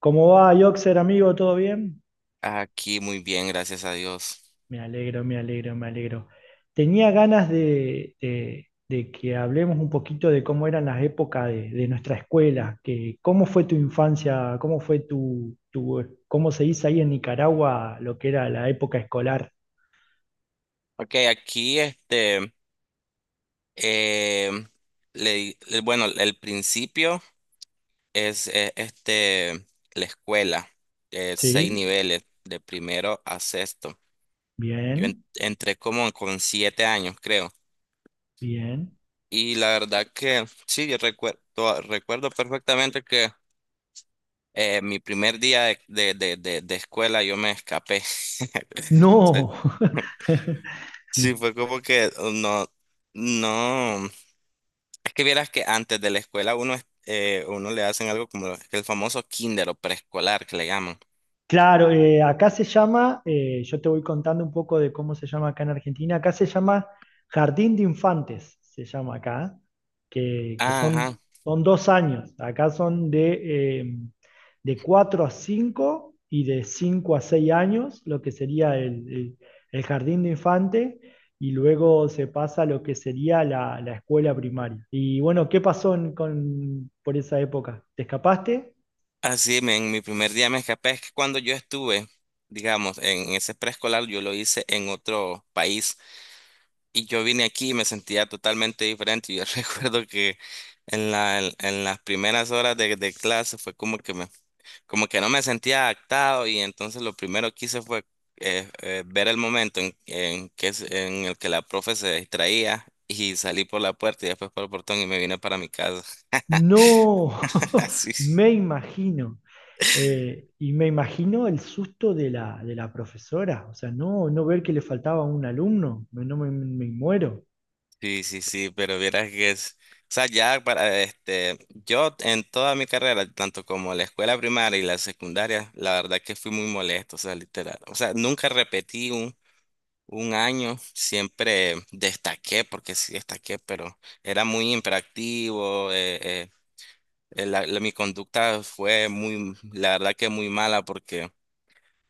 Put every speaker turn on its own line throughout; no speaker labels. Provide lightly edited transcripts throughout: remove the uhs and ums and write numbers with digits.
¿Cómo va, Yoxer, amigo? ¿Todo bien?
Aquí muy bien, gracias a Dios.
Me alegro, me alegro, me alegro. Tenía ganas de que hablemos un poquito de cómo eran las épocas de nuestra escuela, que cómo fue tu infancia, cómo fue cómo se dice ahí en Nicaragua lo que era la época escolar.
Ok, aquí em, le bueno, el principio es la escuela, seis
¿Sí?
niveles, de primero a sexto.
Bien,
Entré como con 7 años, creo.
bien.
Y la verdad que sí, yo recuerdo, recuerdo perfectamente que mi primer día de escuela yo me escapé.
No.
Sí, fue como que no, no. Es que vieras que antes de la escuela uno, uno le hacen algo como el famoso kinder o preescolar que le llaman.
Claro, acá se llama, yo te voy contando un poco de cómo se llama acá en Argentina, acá se llama Jardín de Infantes, se llama acá, que son,
Ajá.
son 2 años, acá son de 4 a 5 y de 5 a 6 años, lo que sería el jardín de infante, y luego se pasa a lo que sería la escuela primaria. Y bueno, ¿qué pasó con, por esa época? ¿Te escapaste?
Así, en mi primer día me escapé. Es que cuando yo estuve, digamos, en ese preescolar, yo lo hice en otro país y yo vine aquí y me sentía totalmente diferente. Yo recuerdo que en la, en, las primeras horas de clase fue como que me como que no me sentía adaptado, y entonces lo primero que hice fue ver el momento en que, en el que la profe se distraía, y salí por la puerta y después por el portón y me vine para mi casa.
No,
Sí,
me imagino. Y me imagino el susto de la profesora. O sea, no ver que le faltaba un alumno. No me muero.
sí, sí, sí, pero vieras que es... O sea, ya para este, yo en toda mi carrera, tanto como la escuela primaria y la secundaria, la verdad que fui muy molesto, o sea, literal. O sea, nunca repetí un año, siempre destaqué, porque sí destaqué, pero era muy imperactivo. Mi conducta fue muy, la verdad que muy mala, porque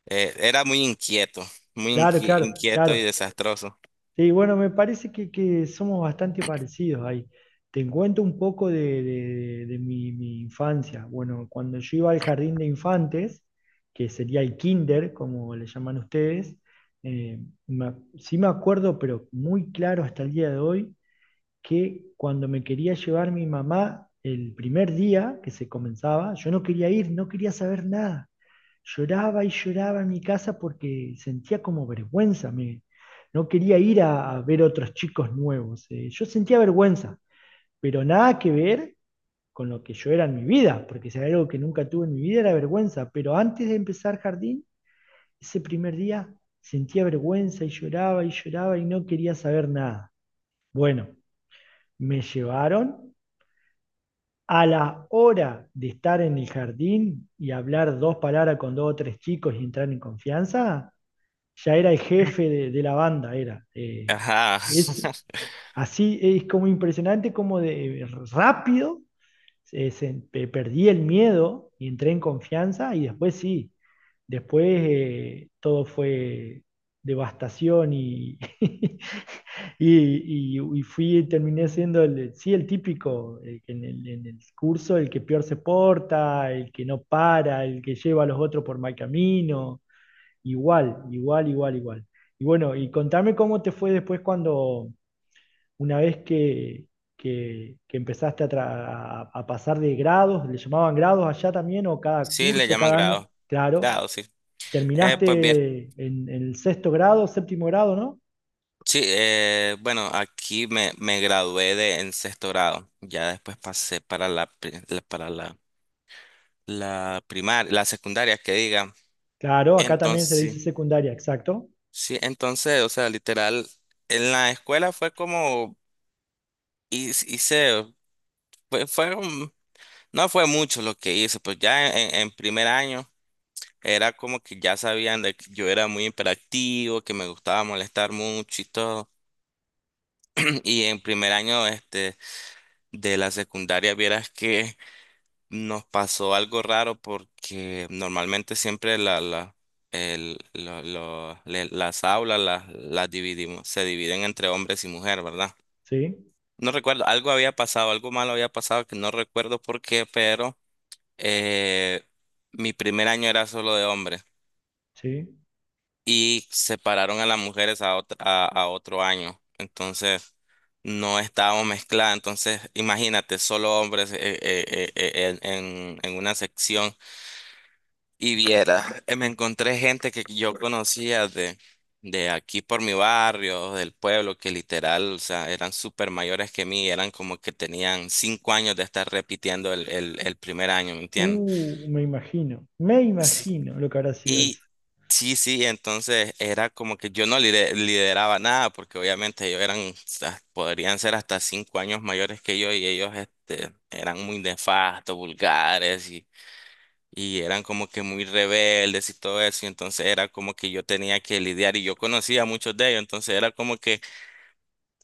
era muy inquieto, muy
Claro, claro,
inquieto y
claro.
desastroso.
Sí, bueno, me parece que somos bastante parecidos ahí. Te cuento un poco de mi infancia. Bueno, cuando yo iba al jardín de infantes, que sería el kinder, como le llaman ustedes, eh, sí me acuerdo, pero muy claro hasta el día de hoy que cuando me quería llevar mi mamá el primer día que se comenzaba, yo no quería ir, no quería saber nada. Lloraba y lloraba en mi casa porque sentía como vergüenza. No quería ir a ver otros chicos nuevos. Yo sentía vergüenza, pero nada que ver con lo que yo era en mi vida, porque si era algo que nunca tuve en mi vida era vergüenza. Pero antes de empezar jardín, ese primer día sentía vergüenza y lloraba y lloraba y no quería saber nada. Bueno, me llevaron. A la hora de estar en el jardín y hablar dos palabras con dos o tres chicos y entrar en confianza, ya era el jefe de la banda, era. Eh,
Ajá.
es así, es como impresionante, como de rápido, eh, se- perdí el miedo y entré en confianza y después sí. Después, todo fue devastación y, y fui, terminé siendo el, sí, el típico, el que en el curso, el que peor se porta, el que no para, el que lleva a los otros por mal camino, igual, igual, igual, igual. Y bueno, y contame cómo te fue después cuando, una vez que empezaste a, tra- a pasar de grados, ¿le llamaban grados allá también o cada
Sí, le
curso,
llaman
cada año?
grado.
Claro.
Grado, sí. Pues bien,
¿Terminaste en el sexto grado, séptimo grado, no?
sí, bueno, aquí me gradué de en sexto grado. Ya después pasé para para la primaria, la secundaria, que diga.
Claro, acá también se le dice
Entonces,
secundaria, exacto.
sí, entonces, o sea, literal, en la escuela fue como, hice, hice- fue, fue un- no fue mucho lo que hice, pues ya en primer año era como que ya sabían de que yo era muy hiperactivo, que me gustaba molestar mucho y todo. Y en primer año, este, de la secundaria, vieras que nos pasó algo raro porque normalmente siempre la, la, el, lo- le- las aulas las dividimos, se dividen entre hombres y mujeres, ¿verdad?
Sí,
No recuerdo, algo había pasado, algo malo había pasado que no recuerdo por qué, pero eh, mi primer año era solo de hombres,
sí.
y separaron a las mujeres a, a otro año. Entonces no estábamos mezcladas. Entonces imagínate, solo hombres en una sección. Y viera, me encontré gente que yo conocía de aquí por mi barrio, del pueblo, que literal, o sea, eran súper mayores que mí, eran como que tenían 5 años de estar repitiendo el primer año, ¿me entiendes?
Me imagino, me
Sí,
imagino lo que habrá sido
y
eso.
sí, sí, entonces era como que yo no lideraba nada, porque obviamente ellos eran, o sea, podrían ser hasta 5 años mayores que yo, y ellos este, eran muy nefastos, vulgares y eran como que muy rebeldes y todo eso, y entonces era como que yo tenía que lidiar y yo conocía a muchos de ellos, entonces era como que,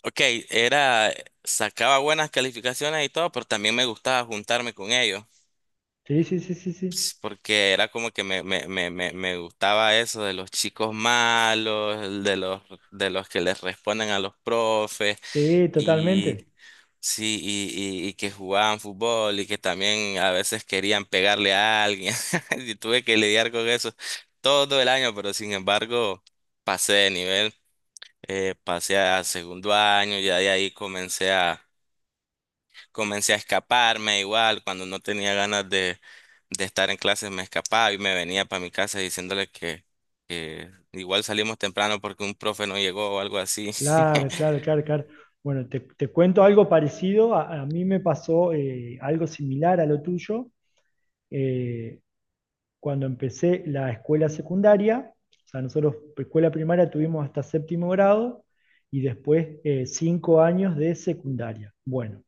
ok, era, sacaba buenas calificaciones y todo, pero también me gustaba juntarme con ellos,
Sí, sí, sí, sí, sí.
ps, porque era como que me gustaba eso de los chicos malos, de los que les responden a los profes.
Sí,
Y
totalmente.
sí, y que jugaban fútbol y que también a veces querían pegarle a alguien. Y tuve que lidiar con eso todo el año, pero sin embargo pasé de nivel, pasé a segundo año, ya de ahí comencé a, comencé a escaparme igual, cuando no tenía ganas de estar en clases me escapaba y me venía para mi casa diciéndole que igual salimos temprano porque un profe no llegó o algo así.
Claro, claro, claro, claro. Bueno, te cuento algo parecido. A mí me pasó algo similar a lo tuyo. Eh, cuando empecé la escuela secundaria, o sea, nosotros escuela primaria tuvimos hasta séptimo grado y después 5 años de secundaria. Bueno,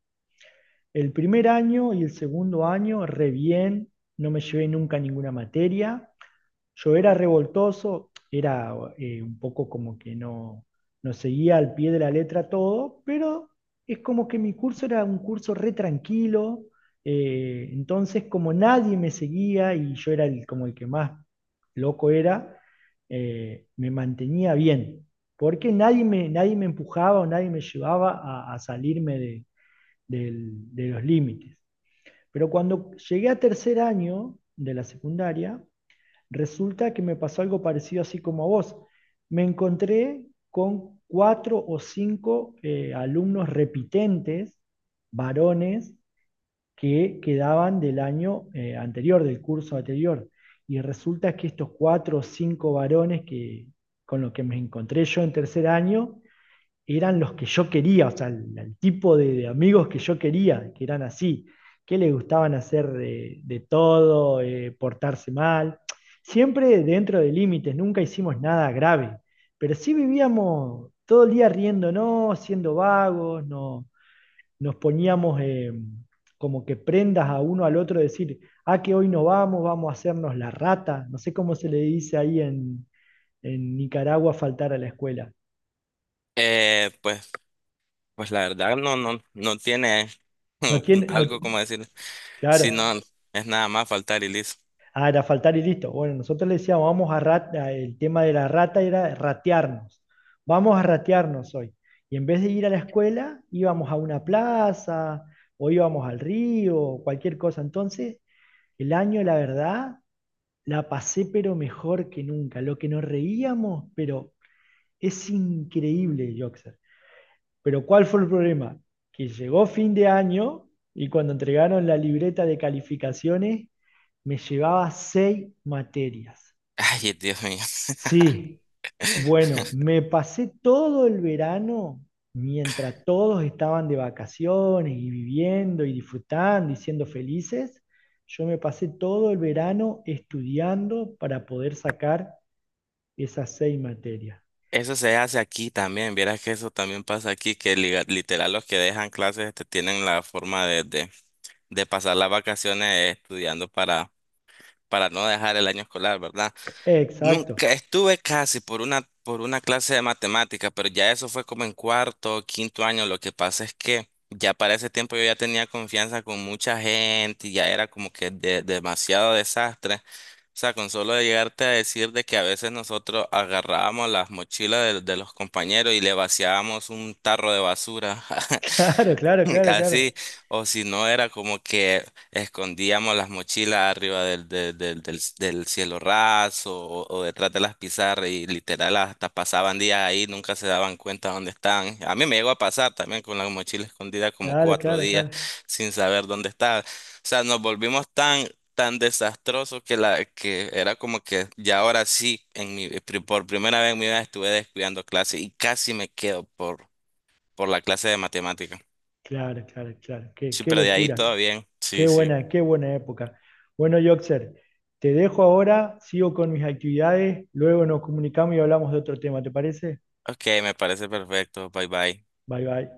el primer año y el segundo año, re bien, no me llevé nunca ninguna materia, yo era revoltoso, era un poco como que no seguía al pie de la letra todo, pero es como que mi curso era un curso re tranquilo, entonces como nadie me seguía y yo era como el que más loco era, me mantenía bien, porque nadie me empujaba o nadie me llevaba a salirme de los límites. Pero cuando llegué a tercer año de la secundaria, resulta que me pasó algo parecido así como a vos. Me encontré con cuatro o cinco alumnos repitentes, varones, que quedaban del año anterior, del curso anterior. Y resulta que estos cuatro o cinco varones que, con los que me encontré yo en tercer año, eran los que yo quería, o sea, el tipo de amigos que yo quería, que eran así, que les gustaban hacer de todo, portarse mal, siempre dentro de límites, nunca hicimos nada grave, pero sí vivíamos todo el día riéndonos, siendo vagos, no, nos poníamos como que prendas a uno al otro, decir, ah, que hoy no vamos, vamos a hacernos la rata, no sé cómo se le dice ahí en Nicaragua faltar a la escuela.
Pues, pues la verdad no, no, no tiene
No tiene, no,
algo como decir, si
claro.
no, es nada más faltar y listo.
Ah, era faltar y listo. Bueno, nosotros le decíamos, vamos a. El tema de la rata era ratearnos. Vamos a ratearnos hoy. Y en vez de ir a la escuela, íbamos a una plaza o íbamos al río o cualquier cosa. Entonces, el año, la verdad, la pasé pero mejor que nunca. Lo que nos reíamos, pero es increíble, Joxer. Pero ¿cuál fue el problema? Que llegó fin de año y cuando entregaron la libreta de calificaciones, me llevaba seis materias.
Ay, Dios mío.
Sí, bueno, me pasé todo el verano mientras todos estaban de vacaciones y viviendo y disfrutando y siendo felices. Yo me pasé todo el verano estudiando para poder sacar esas seis materias.
Eso se hace aquí también, vieras que eso también pasa aquí, que literal los que dejan clases este, tienen la forma de pasar las vacaciones estudiando para no dejar el año escolar, ¿verdad?
Exacto.
Nunca estuve casi por una clase de matemática, pero ya eso fue como en cuarto o quinto año. Lo que pasa es que ya para ese tiempo yo ya tenía confianza con mucha gente y ya era como que demasiado desastre. O sea, con solo de llegarte a decir de que a veces nosotros agarrábamos las mochilas de los compañeros y le vaciábamos un tarro de basura.
Claro, claro, claro, claro.
Así, o si no, era como que escondíamos las mochilas arriba del cielo raso, o detrás de las pizarras, y literal hasta pasaban días ahí, nunca se daban cuenta dónde estaban. A mí me llegó a pasar también con la mochila escondida como
Claro,
cuatro
claro,
días
claro.
sin saber dónde estaba. O sea, nos volvimos tan, tan desastrosos que, la, que era como que ya ahora sí, en por primera vez en mi vida estuve descuidando clase y casi me quedo por la clase de matemáticas.
Claro, claro, claro. Qué,
Sí,
qué
pero de ahí
locura.
todo bien. Sí, sí.
Qué buena época. Bueno, Yoxer, te dejo ahora, sigo con mis actividades, luego nos comunicamos y hablamos de otro tema, ¿te parece?
Ok, me parece perfecto. Bye bye.
Bye, bye.